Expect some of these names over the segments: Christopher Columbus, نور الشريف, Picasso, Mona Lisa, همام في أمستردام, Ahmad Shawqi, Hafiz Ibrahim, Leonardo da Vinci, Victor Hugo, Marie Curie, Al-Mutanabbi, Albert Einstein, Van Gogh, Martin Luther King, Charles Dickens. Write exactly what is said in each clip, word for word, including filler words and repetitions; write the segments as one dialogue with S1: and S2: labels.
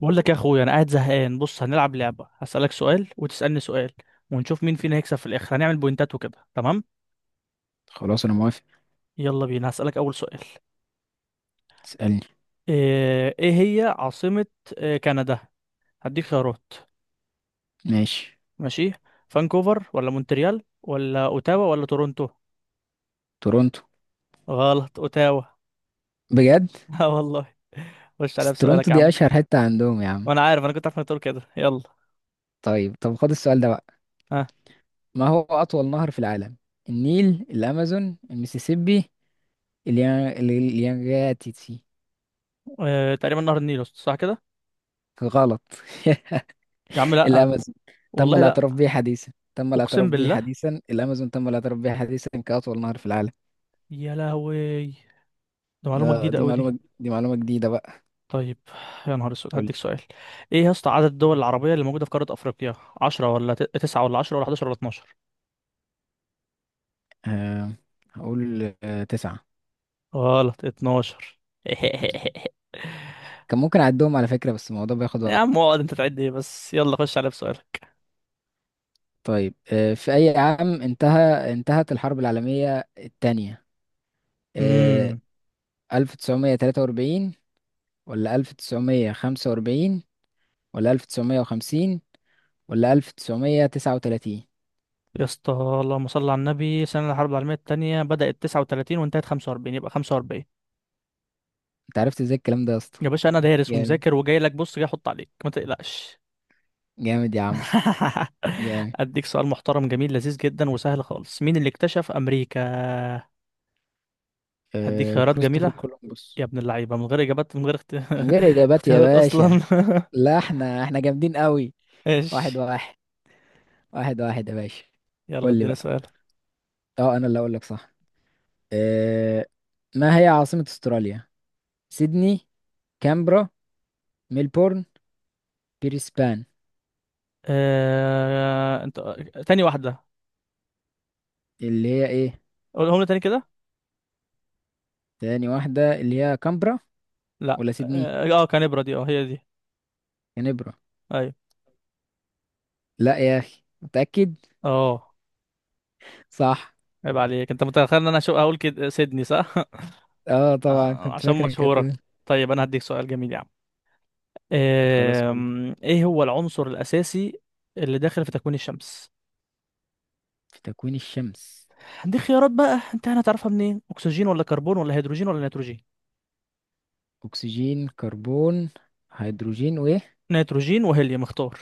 S1: بقول لك يا اخويا، انا قاعد زهقان. بص، هنلعب لعبة. هسألك سؤال وتسألني سؤال ونشوف مين فينا هيكسب في الاخر. هنعمل بوينتات وكده، تمام؟
S2: خلاص انا موافق.
S1: يلا بينا، هسألك اول سؤال.
S2: اسألني.
S1: ايه إيه هي عاصمة آه، كندا؟ هديك خيارات.
S2: ماشي.
S1: ماشي. فانكوفر ولا مونتريال ولا اوتاوا ولا تورونتو؟
S2: تورونتو.
S1: غلط، اوتاوا.
S2: بجد؟
S1: اه والله. خش
S2: بس
S1: عليا
S2: تورونتو
S1: بسؤالك يا
S2: دي
S1: عم.
S2: اشهر حتة عندهم يا عم.
S1: وانا عارف، انا كنت عارف انك تقول كده. يلا.
S2: طيب، طب خد السؤال ده بقى.
S1: ها.
S2: ما هو اطول نهر في العالم؟ النيل، الامازون، المسيسيبي، اليان... اليانجاتيسي؟
S1: آه. تقريبا نهر النيل، صح كده؟
S2: غلط.
S1: يا عم لا.
S2: الامازون تم
S1: والله
S2: الاعتراف
S1: لا.
S2: به حديثا تم الاعتراف
S1: اقسم
S2: به
S1: بالله.
S2: حديثا الامازون تم الاعتراف به حديثا كاطول نهر في العالم.
S1: يا لهوي، ده معلومة
S2: آه،
S1: جديدة
S2: دي
S1: قوي دي.
S2: معلومة دي معلومة جديدة بقى.
S1: طيب. يا نهار اسود،
S2: قول.
S1: هديك سؤال. ايه يا اسطى عدد الدول العربية اللي موجودة في قارة افريقيا؟ عشرة ولا ت- تسعة ولا عشرة ولا احداشر ولا اتناشر؟
S2: آه هقول آه تسعة.
S1: غلط، اتناشر.
S2: كان ممكن اعدهم على فكرة، بس الموضوع بياخد
S1: يا عم
S2: وقت.
S1: اقعد، انت تعد ايه بس؟ يلا، خش على بسؤالك.
S2: طيب، آه، في أي عام انتهى انتهت الحرب العالمية الثانية؟
S1: امم
S2: ألف وتسعمية وتلاتة واربعين ولا ألف وتسعمئة خمسة وأربعين ولا ألف وتسعمية وخمسين ولا ألف وتسعمية وتسعة وتلاتين؟
S1: يا اسطى، اللهم صل على النبي، سنة الحرب العالمية التانية بدأت تسعة وتلاتين وانتهت خمسة واربعين، يبقى خمسة واربعين.
S2: انت عرفت ازاي الكلام ده يا اسطى؟
S1: يا باشا، انا دارس
S2: جامد،
S1: ومذاكر وجاي لك. بص، جاي احط عليك، ما تقلقش.
S2: جامد يا عم، جامد.
S1: اديك سؤال محترم جميل لذيذ جدا وسهل خالص. مين اللي اكتشف امريكا؟ هديك
S2: آه،
S1: خيارات
S2: كريستوفر
S1: جميلة؟ يا
S2: كولومبوس.
S1: ابن اللعيبة، من غير إجابات. من غير اخت...
S2: من غير إجابات يا
S1: اختيارات أصلا.
S2: باشا. لا احنا احنا جامدين قوي. واحد
S1: ايش؟
S2: واحد، واحد واحد يا باشا.
S1: يلا،
S2: قول لي
S1: اديني
S2: بقى.
S1: سؤال.
S2: اه، انا اللي اقول لك صح. آه، ما هي عاصمة استراليا؟ سيدني، كامبرا، ميلبورن، بريسبان؟
S1: آه... انت. تاني واحدة.
S2: اللي هي ايه؟
S1: قولهم لي تاني كده.
S2: تاني واحدة اللي هي كامبرا،
S1: لا،
S2: ولا سيدني؟
S1: اه، آه، كان ابرة دي، اه هي دي.
S2: كانبرا.
S1: ايوه،
S2: لا يا اخي، متأكد.
S1: اه.
S2: صح.
S1: عيب عليك، انت متخيل ان انا شو اقول كده، سيدني صح.
S2: اه طبعا،
S1: آه،
S2: كنت
S1: عشان
S2: فاكرك
S1: مشهورة.
S2: هتقول.
S1: طيب، انا هديك سؤال جميل يا عم.
S2: خلاص قول.
S1: آم، ايه هو العنصر الاساسي اللي داخل في تكوين الشمس؟
S2: في تكوين الشمس؟
S1: دي خيارات بقى، انت هتعرفها منين؟ اكسجين ولا كربون ولا هيدروجين ولا نيتروجين؟
S2: اكسجين، كربون، هيدروجين وايه؟
S1: نيتروجين وهيليوم، اختار.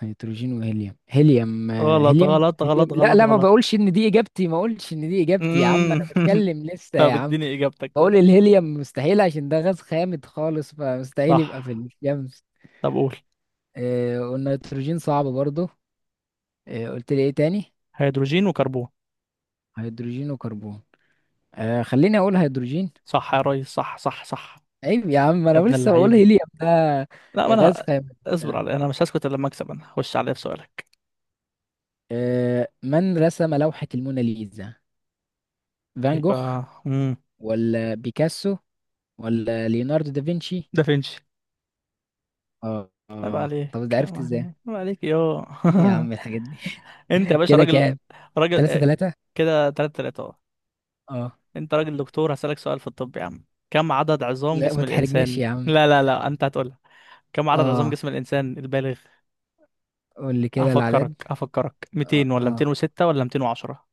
S2: هيدروجين وهيليوم، هيليوم، آه،
S1: غلط،
S2: هيليوم،
S1: غلط، غلط،
S2: هيليوم، لا
S1: غلط،
S2: لا، ما
S1: غلط.
S2: بقولش ان دي اجابتي ما اقولش ان دي اجابتي يا عم،
S1: مم.
S2: انا بتكلم لسه يا
S1: طب
S2: عم.
S1: اديني اجابتك.
S2: بقول
S1: طيب.
S2: الهيليوم مستحيل عشان ده غاز خامد خالص، فمستحيل يبقى
S1: صح.
S2: في الشمس.
S1: طب قول.
S2: آه، والنيتروجين صعب برضو. آه، قلت لي ايه تاني؟
S1: هيدروجين وكربون.
S2: هيدروجين وكربون آه، خليني اقول هيدروجين.
S1: صح يا ريس، صح صح صح.
S2: عيب يا عم،
S1: يا
S2: انا
S1: ابن
S2: لسه بقول
S1: اللعيبة.
S2: هيليوم ده
S1: لا ما
S2: غاز
S1: انا.
S2: خام.
S1: اصبر علي، انا مش هسكت الا لما اكسب. انا هخش عليه بسؤالك.
S2: آه، من رسم لوحة الموناليزا؟ فان جوخ،
S1: يبقى امم
S2: ولا بيكاسو، ولا ليوناردو دافنشي؟
S1: دافنشي.
S2: اه
S1: عيب
S2: اه،
S1: عليك،
S2: طب ده
S1: عيب
S2: عرفت ازاي؟
S1: عليك، عيب عليك، يو.
S2: ايه يا عم الحاجات دي؟
S1: انت يا باشا
S2: كده
S1: راجل.
S2: كام؟
S1: راجل،
S2: تلاتة
S1: آه،
S2: تلاتة.
S1: كده تلاتة تلاتة اهو.
S2: اه.
S1: انت راجل دكتور، هسألك سؤال في الطب يا عم. كم عدد عظام
S2: لا ما
S1: جسم
S2: تحرجناش
S1: الانسان؟
S2: يا عم.
S1: لا لا لا، انت هتقولها. كم عدد عظام
S2: اه
S1: جسم الإنسان البالغ؟
S2: قول لي كده
S1: هفكرك،
S2: العدد.
S1: هفكرك،
S2: اه,
S1: ميتين ولا
S2: آه.
S1: ميتين وستة ولا ميتين وعشرة؟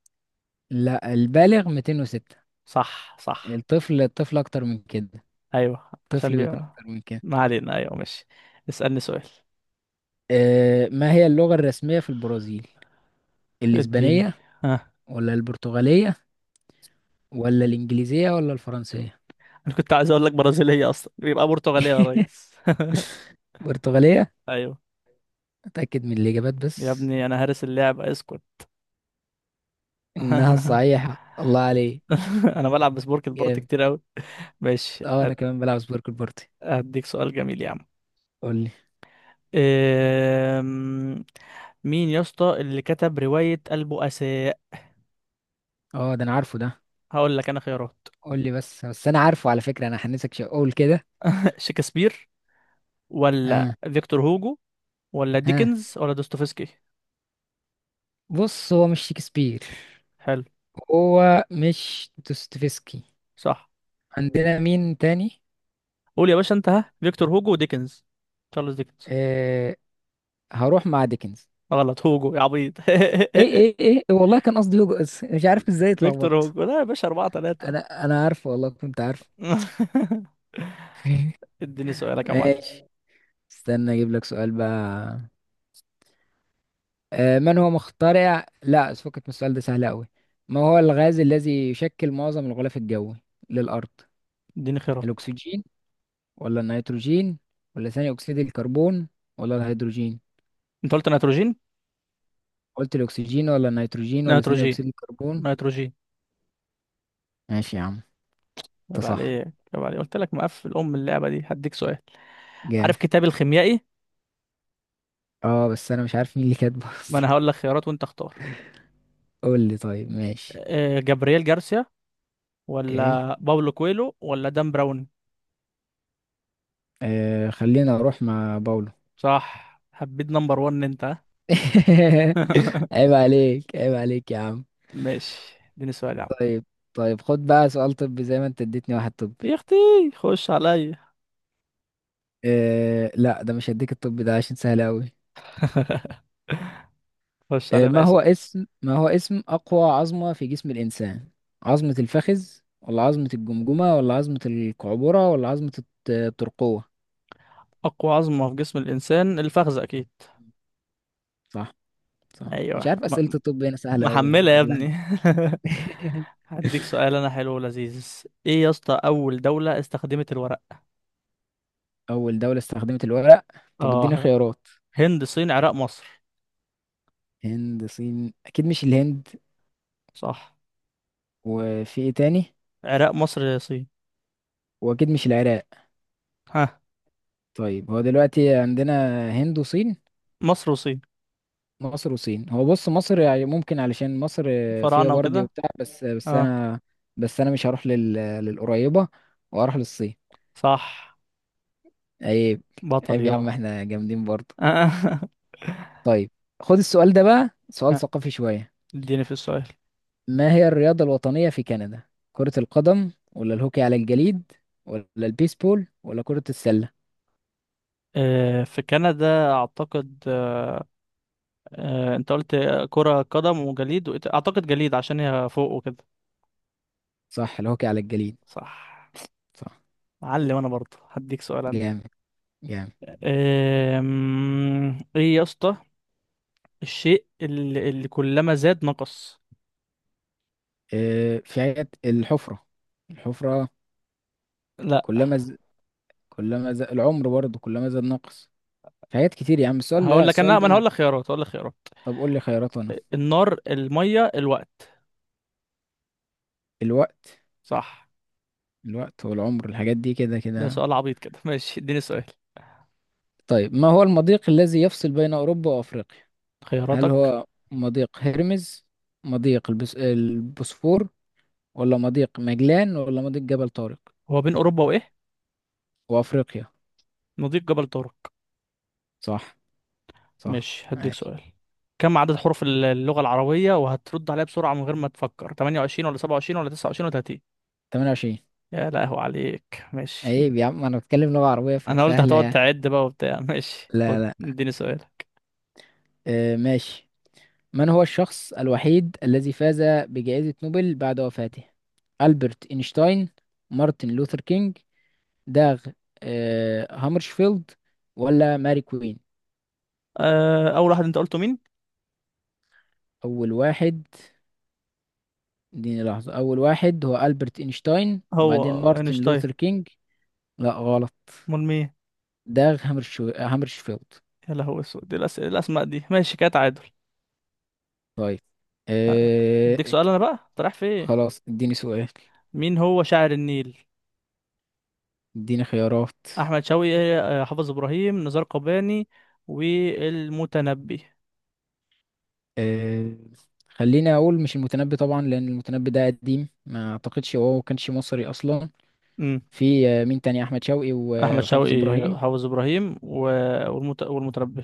S2: لا، البالغ مئتين وستة.
S1: صح صح.
S2: الطفل، الطفل أكتر من كده.
S1: أيوه، عشان
S2: الطفل
S1: بي...
S2: بيكون أكتر من كده.
S1: ما علينا. أيوه ماشي. اسألني سؤال.
S2: آه، ما هي اللغة الرسمية في البرازيل؟
S1: اديني.
S2: الإسبانية،
S1: ها.
S2: ولا البرتغالية، ولا الإنجليزية، ولا الفرنسية؟
S1: أنا كنت عايز أقول لك برازيلية، أصلا يبقى برتغالية يا ريس.
S2: برتغالية.
S1: أيوه.
S2: أتأكد من الإجابات
S1: يا
S2: بس.
S1: ابني، أنا هارس اللعب، اسكت.
S2: إنها الصحيحة، الله عليك.
S1: أنا بلعب بسبورك البورت
S2: جامد.
S1: كتير أوي. ماشي،
S2: أه أنا
S1: أ-
S2: كمان بلعب سبورك بارتي.
S1: أديك سؤال جميل يا عم.
S2: قول لي.
S1: أم، مين يا اسطى اللي كتب رواية البؤساء؟
S2: أه ده أنا عارفه ده.
S1: هقول لك انا خيارات.
S2: قول لي بس بس أنا عارفه على فكرة، أنا حنسك شيء أقول كده.
S1: شكسبير ولا
S2: ها.
S1: فيكتور هوجو ولا
S2: ها.
S1: ديكنز ولا دوستويفسكي؟
S2: بص هو مش شكسبير.
S1: حلو.
S2: هو مش دوستويفسكي.
S1: صح.
S2: عندنا مين تاني؟
S1: قول يا باشا انت. ها. فيكتور هوجو وديكنز. تشارلز ديكنز؟
S2: آه هروح مع ديكنز.
S1: غلط، هوجو يا عبيط.
S2: ايه ايه ايه إيه، والله كان قصدي هوجو، بس مش عارف ازاي
S1: فيكتور
S2: اتلخبطت.
S1: هوجو. لا يا باشا، أربعة تلاتة.
S2: انا انا عارف، والله كنت عارف.
S1: اديني سؤالك يا معلم.
S2: ماشي. استنى اجيب لك سؤال بقى. آه من هو مخترع، لا، فكك من السؤال ده سهل قوي. ما هو الغاز الذي يشكل معظم الغلاف الجوي للارض؟
S1: اديني خيارات.
S2: الاكسجين، ولا النيتروجين، ولا ثاني اكسيد الكربون، ولا الهيدروجين؟
S1: انت قلت نيتروجين،
S2: قلت الاكسجين، ولا النيتروجين، ولا ثاني
S1: نيتروجين،
S2: اكسيد الكربون.
S1: نيتروجين.
S2: ماشي يا عم. انت
S1: عيب
S2: صح.
S1: عليك، عيب عليك. قلت لك مقفل ام اللعبة دي. هديك سؤال.
S2: جامد.
S1: عارف كتاب الخيميائي؟
S2: اه بس انا مش عارف مين اللي كاتبه.
S1: ما انا هقول لك خيارات وانت اختار.
S2: قول لي طيب ماشي.
S1: آه، جابرييل جارسيا
S2: اوكي.
S1: ولا باولو كويلو ولا دان براون؟
S2: آه خلينا اروح مع باولو.
S1: صح، حبيت نمبر وان انت، ها؟
S2: عيب عليك، عيب عليك يا عم.
S1: ماشي، اديني سؤال يا عم.
S2: طيب. طيب خد بقى سؤال طبي زي ما انت اديتني واحد طبي.
S1: يا اختي، خش عليا.
S2: آه لا ده مش هديك الطبي ده عشان سهل قوي.
S1: خش
S2: آه
S1: عليا بقى،
S2: ما هو
S1: اسأل.
S2: اسم ما هو اسم اقوى عظمة في جسم الانسان؟ عظمة الفخذ، ولا عظمة الجمجمة، ولا عظمة القعبرة، ولا عظمة الت- الترقوة؟
S1: اقوى عظمة في جسم الانسان الفخذ، اكيد.
S2: صح. صح. مش
S1: ايوه،
S2: عارف
S1: م
S2: اسئلة الطب هنا سهلة قوي
S1: محملة
S2: ولا
S1: يا
S2: ولا
S1: ابني.
S2: احنا.
S1: هديك سؤال انا، حلو ولذيذ. ايه يا اسطى اول دولة استخدمت الورق؟
S2: أول دولة استخدمت الورق؟ طب اديني
S1: اه
S2: خيارات.
S1: هند، صين، عراق، مصر؟
S2: هند، الصين؟ أكيد مش الهند.
S1: صح.
S2: وفي إيه تاني؟
S1: عراق، مصر، صين.
S2: وأكيد مش العراق.
S1: ها.
S2: طيب هو دلوقتي عندنا هند وصين.
S1: مصر وصين.
S2: مصر وصين. هو بص، مصر يعني ممكن علشان مصر فيها
S1: فراعنة
S2: برضه
S1: وكده.
S2: وبتاع، بس بس
S1: اه،
S2: أنا بس أنا مش هروح لل... للقريبة وأروح للصين.
S1: صح.
S2: عيب.
S1: بطل،
S2: عيب يا عم
S1: يو.
S2: احنا جامدين برضه. طيب، خد السؤال ده بقى سؤال ثقافي شوية.
S1: اديني في السؤال.
S2: ما هي الرياضة الوطنية في كندا؟ كرة القدم، ولا الهوكي على الجليد، ولا البيسبول، ولا كرة السلة؟
S1: آه، في كندا اعتقد، آه، انت قلت كرة قدم وجليد وإيه تا- اعتقد جليد، عشان هي فوق وكده.
S2: صح، الهوكي على الجليد.
S1: صح.
S2: صح.
S1: علم انا برضه. هديك سؤال انا.
S2: جامد. جامد.
S1: آم، ايه يا اسطى الشيء اللي, اللي كلما زاد نقص؟
S2: آه، في عيادة الحفرة الحفرة
S1: لا.
S2: كلما ز... كلما ز... العمر برضه كلما زاد نقص. في حاجات كتير يا عم، السؤال ده
S1: هقول لك
S2: السؤال
S1: انا، ما انا
S2: ده
S1: هقول لك خيارات، هقول لك خيارات.
S2: طب قول لي خيارات أنا.
S1: النار، المية، الوقت؟
S2: الوقت.
S1: صح.
S2: الوقت والعمر، الحاجات دي كده
S1: ده
S2: كده.
S1: سؤال عبيط كده. ماشي، اديني سؤال.
S2: طيب، ما هو المضيق الذي يفصل بين أوروبا وأفريقيا؟ هل
S1: خياراتك؟
S2: هو مضيق هرمز، مضيق البس... البوسفور، ولا مضيق مجلان، ولا مضيق جبل طارق؟
S1: هو بين اوروبا وايه؟
S2: وافريقيا.
S1: مضيق جبل طارق.
S2: صح. صح.
S1: ماشي، هديك
S2: ماشي.
S1: سؤال. كم عدد حروف الل- اللغة العربية، وهترد عليها بسرعة من غير ما تفكر؟ تمنية وعشرين ولا سبعة وعشرين ولا تسعة وعشرين ولا تلاتين؟
S2: تمنية وعشرين.
S1: يا لهو عليك، ماشي.
S2: عيب يا عم، انا بتكلم لغة عربية
S1: انا قلت
S2: فسهلة
S1: هتقعد
S2: يعني.
S1: تعد بقى وبتاع. ماشي،
S2: لا
S1: خد،
S2: لا،
S1: اديني سؤالك.
S2: آه ماشي. من هو الشخص الوحيد الذي فاز بجائزة نوبل بعد وفاته؟ ألبرت إينشتاين، مارتن لوثر كينج، داغ آه هامرشفيلد، ولا ماري كوين؟
S1: أه اول واحد انت قلته مين؟
S2: أول واحد. اديني لحظة، أول واحد هو ألبرت إينشتاين
S1: هو
S2: وبعدين مارتن
S1: اينشتاين؟
S2: لوثر كينج. لا، غلط.
S1: امال مين؟
S2: داغ هامرشو... هامرشفيلد.
S1: يا لهو اسود، دي الأس... الاسماء دي. ماشي، كده تعادل.
S2: طيب آه
S1: اديك سؤال انا
S2: ك-
S1: بقى، انت رايح في ايه؟
S2: خلاص اديني سؤال.
S1: مين هو شاعر النيل؟
S2: اديني خيارات.
S1: احمد شوقي، آه، حافظ ابراهيم، نزار قباني، والمتنبي؟
S2: آه خليني اقول مش المتنبي طبعا، لان المتنبي ده قديم ما اعتقدش هو كانش مصري اصلا. في آه، مين تاني، احمد شوقي
S1: احمد
S2: و- وحافظ
S1: شوقي،
S2: ابراهيم.
S1: حافظ ابراهيم، و... والمت... والمتنبي.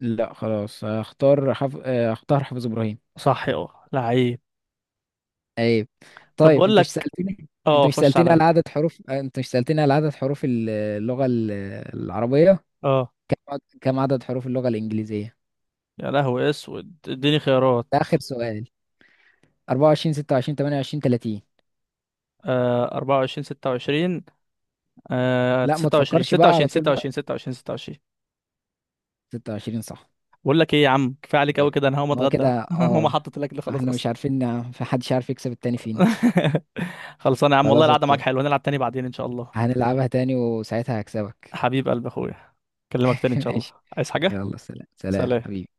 S2: لا خلاص، هختار حف... آه، هختار حافظ ابراهيم.
S1: صح، اه، لعيب.
S2: ايوه.
S1: طب
S2: طيب
S1: بقول
S2: انت مش
S1: لك،
S2: سألتني انت
S1: اه
S2: مش
S1: خش
S2: سألتني على
S1: عليا.
S2: عدد حروف آه، انت مش سألتني على عدد حروف ال- اللغة ال- العربية.
S1: اه
S2: كم عدد حروف اللغة الإنجليزية؟
S1: يا لهوي اسود، اديني خيارات.
S2: ده آخر سؤال. أربعة وعشرون، ستة وعشرين، تمنية وعشرين، تلاتين؟
S1: آه اربعة وعشرين، ستة وعشرين، آه
S2: لا ما
S1: ستة وعشرين،
S2: تفكرش بقى
S1: ستة وعشرين،
S2: على طول
S1: ستة وعشرين،
S2: بقى.
S1: ستة وعشرين، ستة وعشرين.
S2: ستة وعشرين صح.
S1: بقول لك ايه يا عم، كفايه عليك قوي
S2: طيب.
S1: كده، انا هقوم
S2: هو كده
S1: اتغدى. ماما
S2: اه.
S1: حطت الاكل خلاص
S2: احنا مش
S1: اصلا.
S2: عارفين نع- في حدش عارف يكسب التاني فينا.
S1: خلصانه يا عم والله.
S2: خلاص
S1: القعده معاك
S2: اوكي.
S1: حلوه، نلعب تاني بعدين ان شاء الله.
S2: هنلعبها تاني وساعتها هكسبك.
S1: حبيب قلب اخويا، اكلمك تاني ان شاء الله.
S2: ماشي.
S1: عايز حاجه؟
S2: يلا سلام سلام
S1: سلام.
S2: حبيبي.